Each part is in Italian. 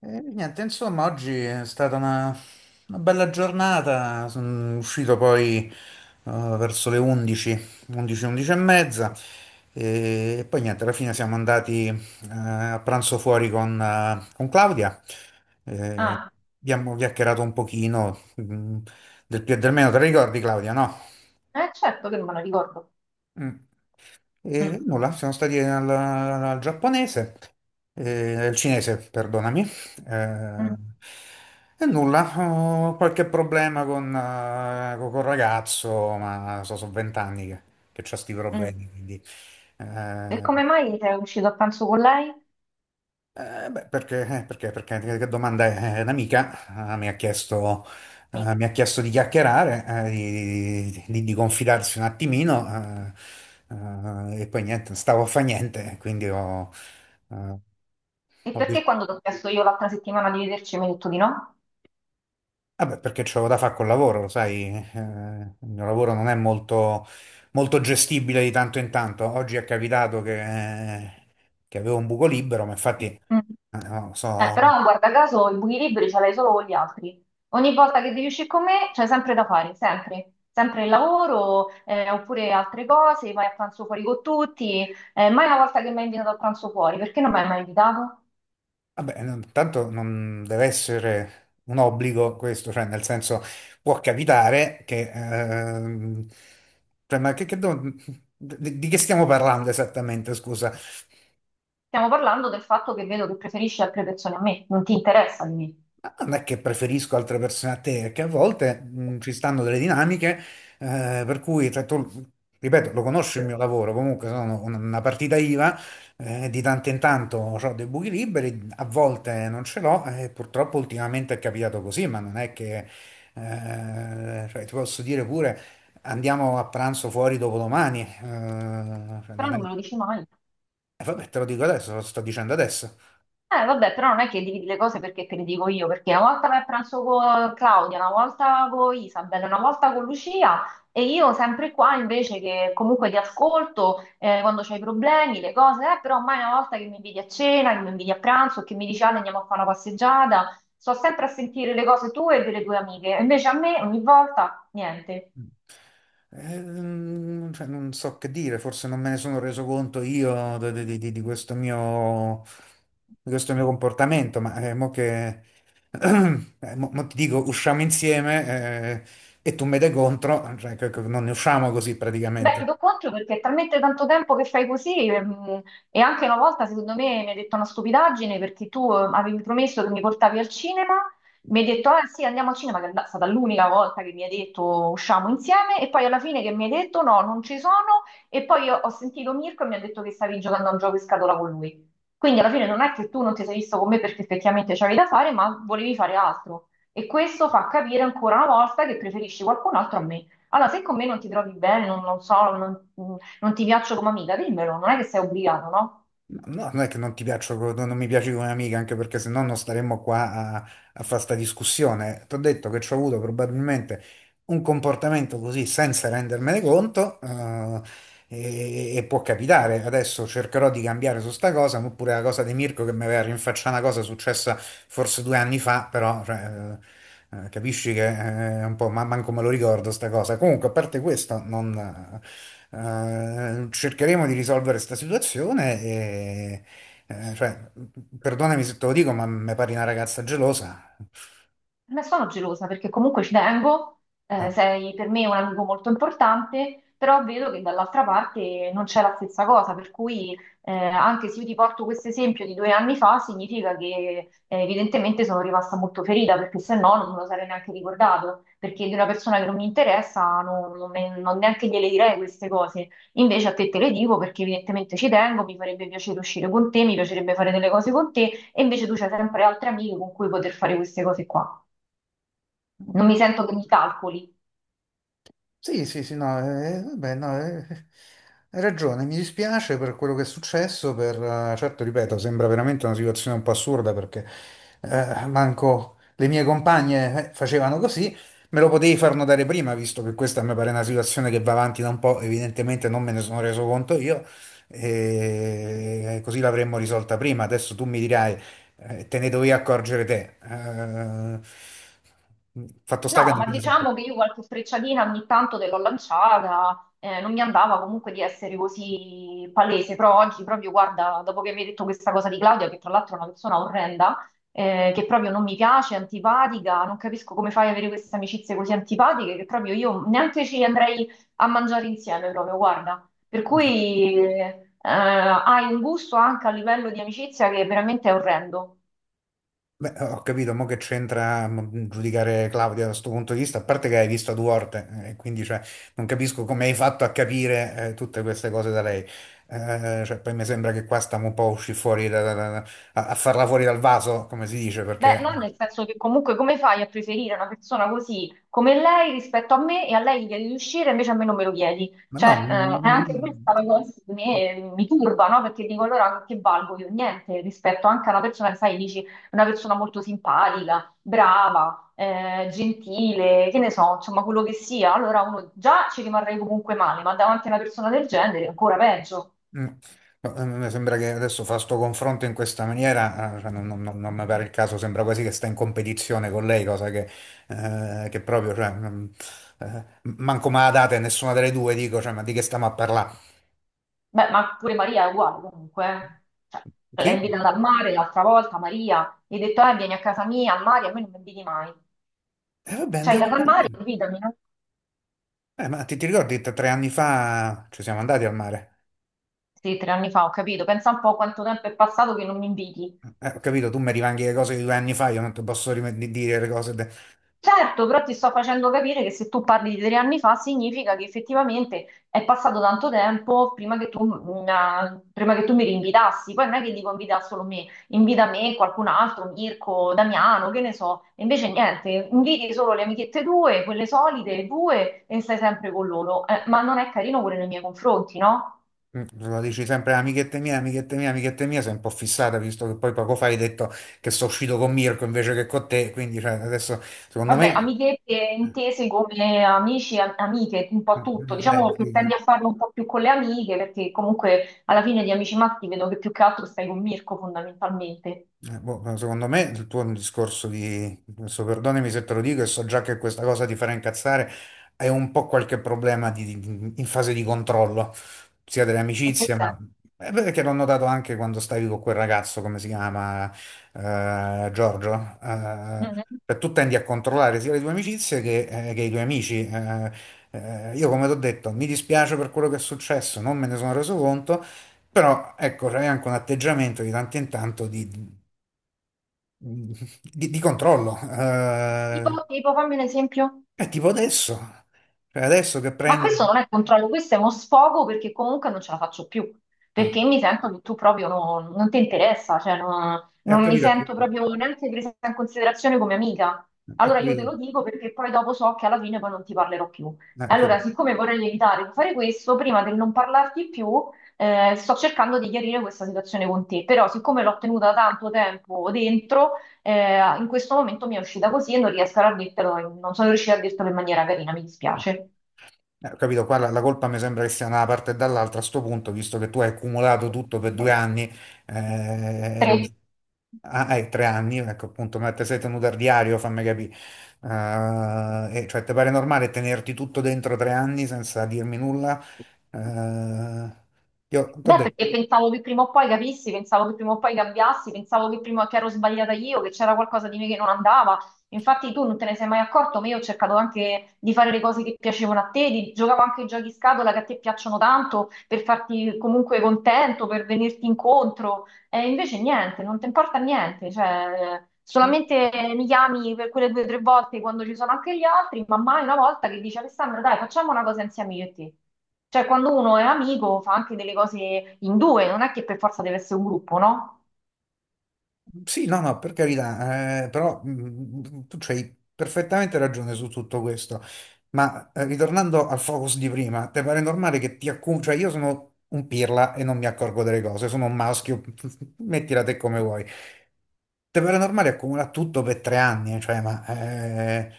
E niente, insomma, oggi è stata una bella giornata. Sono uscito poi verso le 11, 11, 11 e mezza. E poi niente, alla fine siamo andati a pranzo fuori con Claudia. Eh, Ah, abbiamo chiacchierato un pochino del più e del meno. Te la ricordi, Claudia, no? eh certo che non me lo ricordo. Mm. E Mm, nulla, siamo stati al giapponese, al cinese, perdonami. eh, mm, e nulla, ho qualche problema col ragazzo, ma sono 20 anni che ho questi mm. problemi, quindi. E eh, come mai sei uscito a pranzo con lei? eh, beh, perché, che domanda è? Un'amica mi ha chiesto, Mica. eh, mi ha chiesto di chiacchierare, di confidarsi un attimino. E poi niente, non stavo a fa niente, quindi eh, E ho perché deciso. quando ti ho chiesto io l'altra settimana di vederci mi hai detto di no? Vabbè, perché c'avevo da fare col lavoro, lo sai, il mio lavoro non è molto, molto gestibile di tanto in tanto. Oggi è capitato che avevo un buco libero, ma infatti. Mm. No, Eh, però guarda caso i buchi liberi ce l'hai solo con gli altri. Ogni volta che devi uscire con me c'è sempre da fare, sempre. Sempre il lavoro, oppure altre cose, vai a pranzo fuori con tutti. Mai una volta che mi hai invitato a pranzo fuori, perché non mi hai mai invitato? vabbè, tanto non deve essere un obbligo questo, cioè nel senso può capitare che, cioè, ma di che stiamo parlando esattamente, scusa? Stiamo parlando del fatto che vedo che preferisci altre persone a me, non ti interessa di me. Non è che preferisco altre persone a te, è che a volte ci stanno delle dinamiche per cui, cioè, tu, ripeto, lo conosci il mio lavoro, comunque sono una partita IVA, di tanto in tanto ho dei buchi liberi, a volte non ce l'ho e purtroppo ultimamente è capitato così, ma non è che, cioè, ti posso dire pure andiamo a pranzo fuori dopodomani, cioè, Però non è, non me lo dici mai. vabbè, te lo dico adesso, lo sto dicendo adesso. Vabbè, però non è che dividi le cose perché te le dico io, perché una volta vai a pranzo con Claudia, una volta con Isabella, una volta con Lucia e io sempre qua invece che comunque ti ascolto quando c'hai problemi, le cose, però mai una volta che mi inviti a cena, che mi inviti a pranzo, che mi dici Ale, andiamo a fare una passeggiata, sto sempre a sentire le cose tue e delle tue amiche, invece a me ogni volta niente. Ehm, cioè, non so che dire, forse non me ne sono reso conto io di, di questo mio comportamento, ma mo che mo ti dico, usciamo insieme e tu me dai contro, cioè, che non ne usciamo così Beh, ti praticamente. do contro perché è talmente tanto tempo che fai così, e anche una volta secondo me mi hai detto una stupidaggine perché tu avevi promesso che mi portavi al cinema, mi hai detto ah sì andiamo al cinema, che è stata l'unica volta che mi hai detto usciamo insieme e poi alla fine che mi hai detto no, non ci sono e poi ho sentito Mirko e mi ha detto che stavi giocando a un gioco in scatola con lui. Quindi alla fine non è che tu non ti sei visto con me perché effettivamente c'avevi da fare, ma volevi fare altro. E questo fa capire ancora una volta che preferisci qualcun altro a me. Allora, se con me non ti trovi bene, non so, non ti piaccio come amica, dimmelo, non è che sei obbligato, no? No, non è che non ti piaccio, non mi piaci come amica, anche perché se no non staremmo qua a, a fare sta discussione. Ti ho detto che ci ho avuto probabilmente un comportamento così senza rendermene conto, e può capitare. Adesso cercherò di cambiare su sta cosa, oppure la cosa di Mirko che mi aveva rinfacciato una cosa successa forse 2 anni fa, però cioè, capisci che è un po', ma manco me lo ricordo sta cosa. Comunque, a parte questo, non, cercheremo di risolvere sta situazione e, cioè, perdonami se te lo dico, ma mi pare una ragazza gelosa. Ne sono gelosa perché comunque ci tengo, Eh. Sei per me un amico molto importante, però vedo che dall'altra parte non c'è la stessa cosa, per cui anche se io ti porto questo esempio di 2 anni fa, significa che evidentemente sono rimasta molto ferita, perché se no non me lo sarei neanche ricordato, perché di una persona che non mi interessa non neanche gliele direi queste cose, invece a te te le dico perché evidentemente ci tengo, mi farebbe piacere uscire con te, mi piacerebbe fare delle cose con te, e invece tu c'hai sempre altre amiche con cui poter fare queste cose qua. Non mi sento che mi calcoli. Sì, sì, sì, no, vabbè, no, hai ragione, mi dispiace per quello che è successo, certo, ripeto, sembra veramente una situazione un po' assurda perché manco le mie compagne facevano così, me lo potevi far notare prima, visto che questa mi pare una situazione che va avanti da un po', evidentemente non me ne sono reso conto io, e così l'avremmo risolta prima, adesso tu mi dirai, te ne dovevi accorgere te. Fatto sta che No, non ma me ne sono diciamo accorto. che io qualche frecciatina ogni tanto te l'ho lanciata, non mi andava comunque di essere così palese, però oggi proprio, guarda, dopo che mi hai detto questa cosa di Claudia, che tra l'altro è una persona orrenda, che proprio non mi piace, è antipatica, non capisco come fai ad avere queste amicizie così antipatiche, che proprio io neanche ci andrei a mangiare insieme, proprio, guarda. Per cui hai un gusto anche a livello di amicizia che veramente è orrendo. Beh, ho capito, mo che c'entra giudicare Claudia da questo punto di vista, a parte che hai visto due volte, quindi cioè, non capisco come hai fatto a capire tutte queste cose da lei. Cioè, poi mi sembra che qua stiamo un po' usci fuori a farla fuori dal vaso, come si dice, Beh, perché. no, nel senso che comunque come fai a preferire una persona così come lei rispetto a me e a lei gli chiedi di uscire, invece a me non me lo chiedi. Ma Cioè, no, è anche questa la cosa che mi turba, no? Perché dico allora che valgo io? Niente, rispetto anche a una persona che sai, dici, una persona molto simpatica, brava, gentile, che ne so, insomma, quello che sia. Allora uno già ci rimarrei comunque male, ma davanti a una persona del genere è ancora peggio. Mm. No, mi sembra che adesso fa sto confronto in questa maniera, cioè, non mi pare il caso, sembra quasi che sta in competizione con lei, cosa che proprio, cioè, manco me la date nessuna delle due, dico, cioè, ma di che stiamo a parlare? Beh, ma pure Maria è uguale comunque, eh. Cioè, l'hai Chi? invitata al mare l'altra volta, Maria, gli hai detto, vieni a casa mia, al mare, a me non mi inviti mai. Vabbè, Cioè, hai andiamo a dato al mare, parlare. invitami, no? Ma ti ricordi, tre anni fa ci siamo andati al mare? Sì, 3 anni fa, ho capito. Pensa un po' quanto tempo è passato che non mi inviti. Ho capito, tu mi rivanghi le cose di 2 anni fa, io non ti posso dire le cose. Certo, però ti sto facendo capire che se tu parli di 3 anni fa significa che effettivamente è passato tanto tempo prima che tu mi rinvitassi. Poi non è che dico invita solo me, invita me, qualcun altro, Mirko, Damiano, che ne so. E invece niente, inviti solo le amichette tue, quelle solite, due, e stai sempre con loro. Ma non è carino pure nei miei confronti, no? Lo dici sempre amichette mia, amichette mia, amichette mia, sei un po' fissata, visto che poi poco fa hai detto che sono uscito con Mirko invece che con te, quindi cioè, adesso secondo me. Vabbè, Eh, amichette intese come amici, amiche, un po' tutto. eh, eh, Diciamo che sì, tendi no. a farlo un po' più con le amiche, perché comunque alla fine di Amici Matti vedo che più che altro stai con Mirko fondamentalmente. Boh, ma secondo me il tuo è un discorso di, adesso perdonami se te lo dico e so già che questa cosa ti farà incazzare, è un po' qualche problema in fase di controllo, sia delle In che amicizie, ma senso? è vero che l'ho notato anche quando stavi con quel ragazzo, come si chiama, Giorgio, eh, Mhm. cioè tu tendi a controllare sia le tue amicizie che i tuoi amici. Io come ti ho detto, mi dispiace per quello che è successo, non me ne sono reso conto. Però ecco, c'è anche un atteggiamento di tanto in tanto mh, di controllo. Tipo, eh, tipo, fammi un esempio. è tipo adesso, cioè adesso che Ma prendi. questo non è controllo, questo è uno sfogo perché comunque non ce la faccio più, Ah, perché mi sento che tu proprio non ti interessa, cioè non, ho non mi capito, sento proprio neanche presa in considerazione come amica. ho Allora io te lo capito, dico perché poi dopo so che alla fine poi non ti parlerò più. Ho Allora, capito, siccome vorrei evitare di fare questo, prima del non parlarti più, sto cercando di chiarire questa situazione con te, però siccome l'ho tenuta tanto tempo dentro, in questo momento mi è uscita così e non riesco a dirtelo, non sono riuscita a dirtelo in maniera carina, mi eh, dispiace. ho capito, qua la colpa mi sembra che sia da una parte e dall'altra a sto punto, visto che tu hai accumulato tutto per 2 anni, ehm, Tre. ah, hai 3 anni, ecco appunto, ma te sei tenuto al diario, fammi capire. E cioè, ti pare normale tenerti tutto dentro 3 anni senza dirmi nulla? Eh, io t'ho Beh, detto, perché pensavo che prima o poi capissi, pensavo che prima o poi cambiassi, pensavo che prima che ero sbagliata io, che c'era qualcosa di me che non andava. Infatti tu non te ne sei mai accorto, ma io ho cercato anche di fare le cose che piacevano a te, giocavo anche ai giochi scatola che a te piacciono tanto, per farti comunque contento, per venirti incontro. E invece niente, non ti importa niente, cioè, solamente mi chiami per quelle due o tre volte quando ci sono anche gli altri, ma mai una volta che dici Alessandra, dai, facciamo una cosa insieme io e te. Cioè, quando uno è amico fa anche delle cose in due, non è che per forza deve essere un gruppo, no? sì, no, no, per carità, però tu c'hai perfettamente ragione su tutto questo, ma ritornando al focus di prima, te pare normale che ti accumuli, cioè io sono un pirla e non mi accorgo delle cose, sono un maschio, mettila te come vuoi. Te pare normale accumulare tutto per 3 anni, cioè, ma,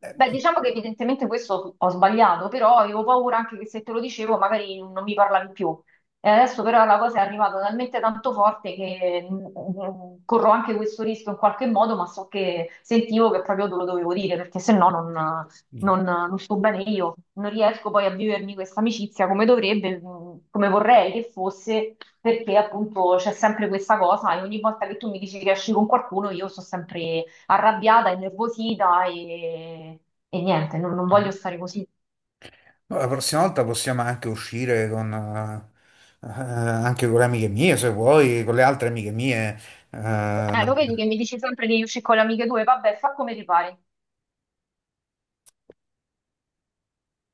eh, Beh, diciamo che evidentemente questo ho sbagliato, però avevo paura anche che se te lo dicevo magari non mi parlavi più. E adesso però la cosa è arrivata talmente tanto forte che corro anche questo rischio in qualche modo, ma so che sentivo che proprio te lo dovevo dire, perché se no non sto bene io, non riesco poi a vivermi questa amicizia come dovrebbe, come vorrei che fosse, perché appunto c'è sempre questa cosa e ogni volta che tu mi dici che esci con qualcuno io sto sempre arrabbiata, innervosita e niente, non voglio stare così. no, la prossima volta possiamo anche uscire anche con le amiche mie, se vuoi, con le altre amiche mie. Lo vedi che eh, mi dici sempre di uscire con le amiche tue? Vabbè, fa come ti pare.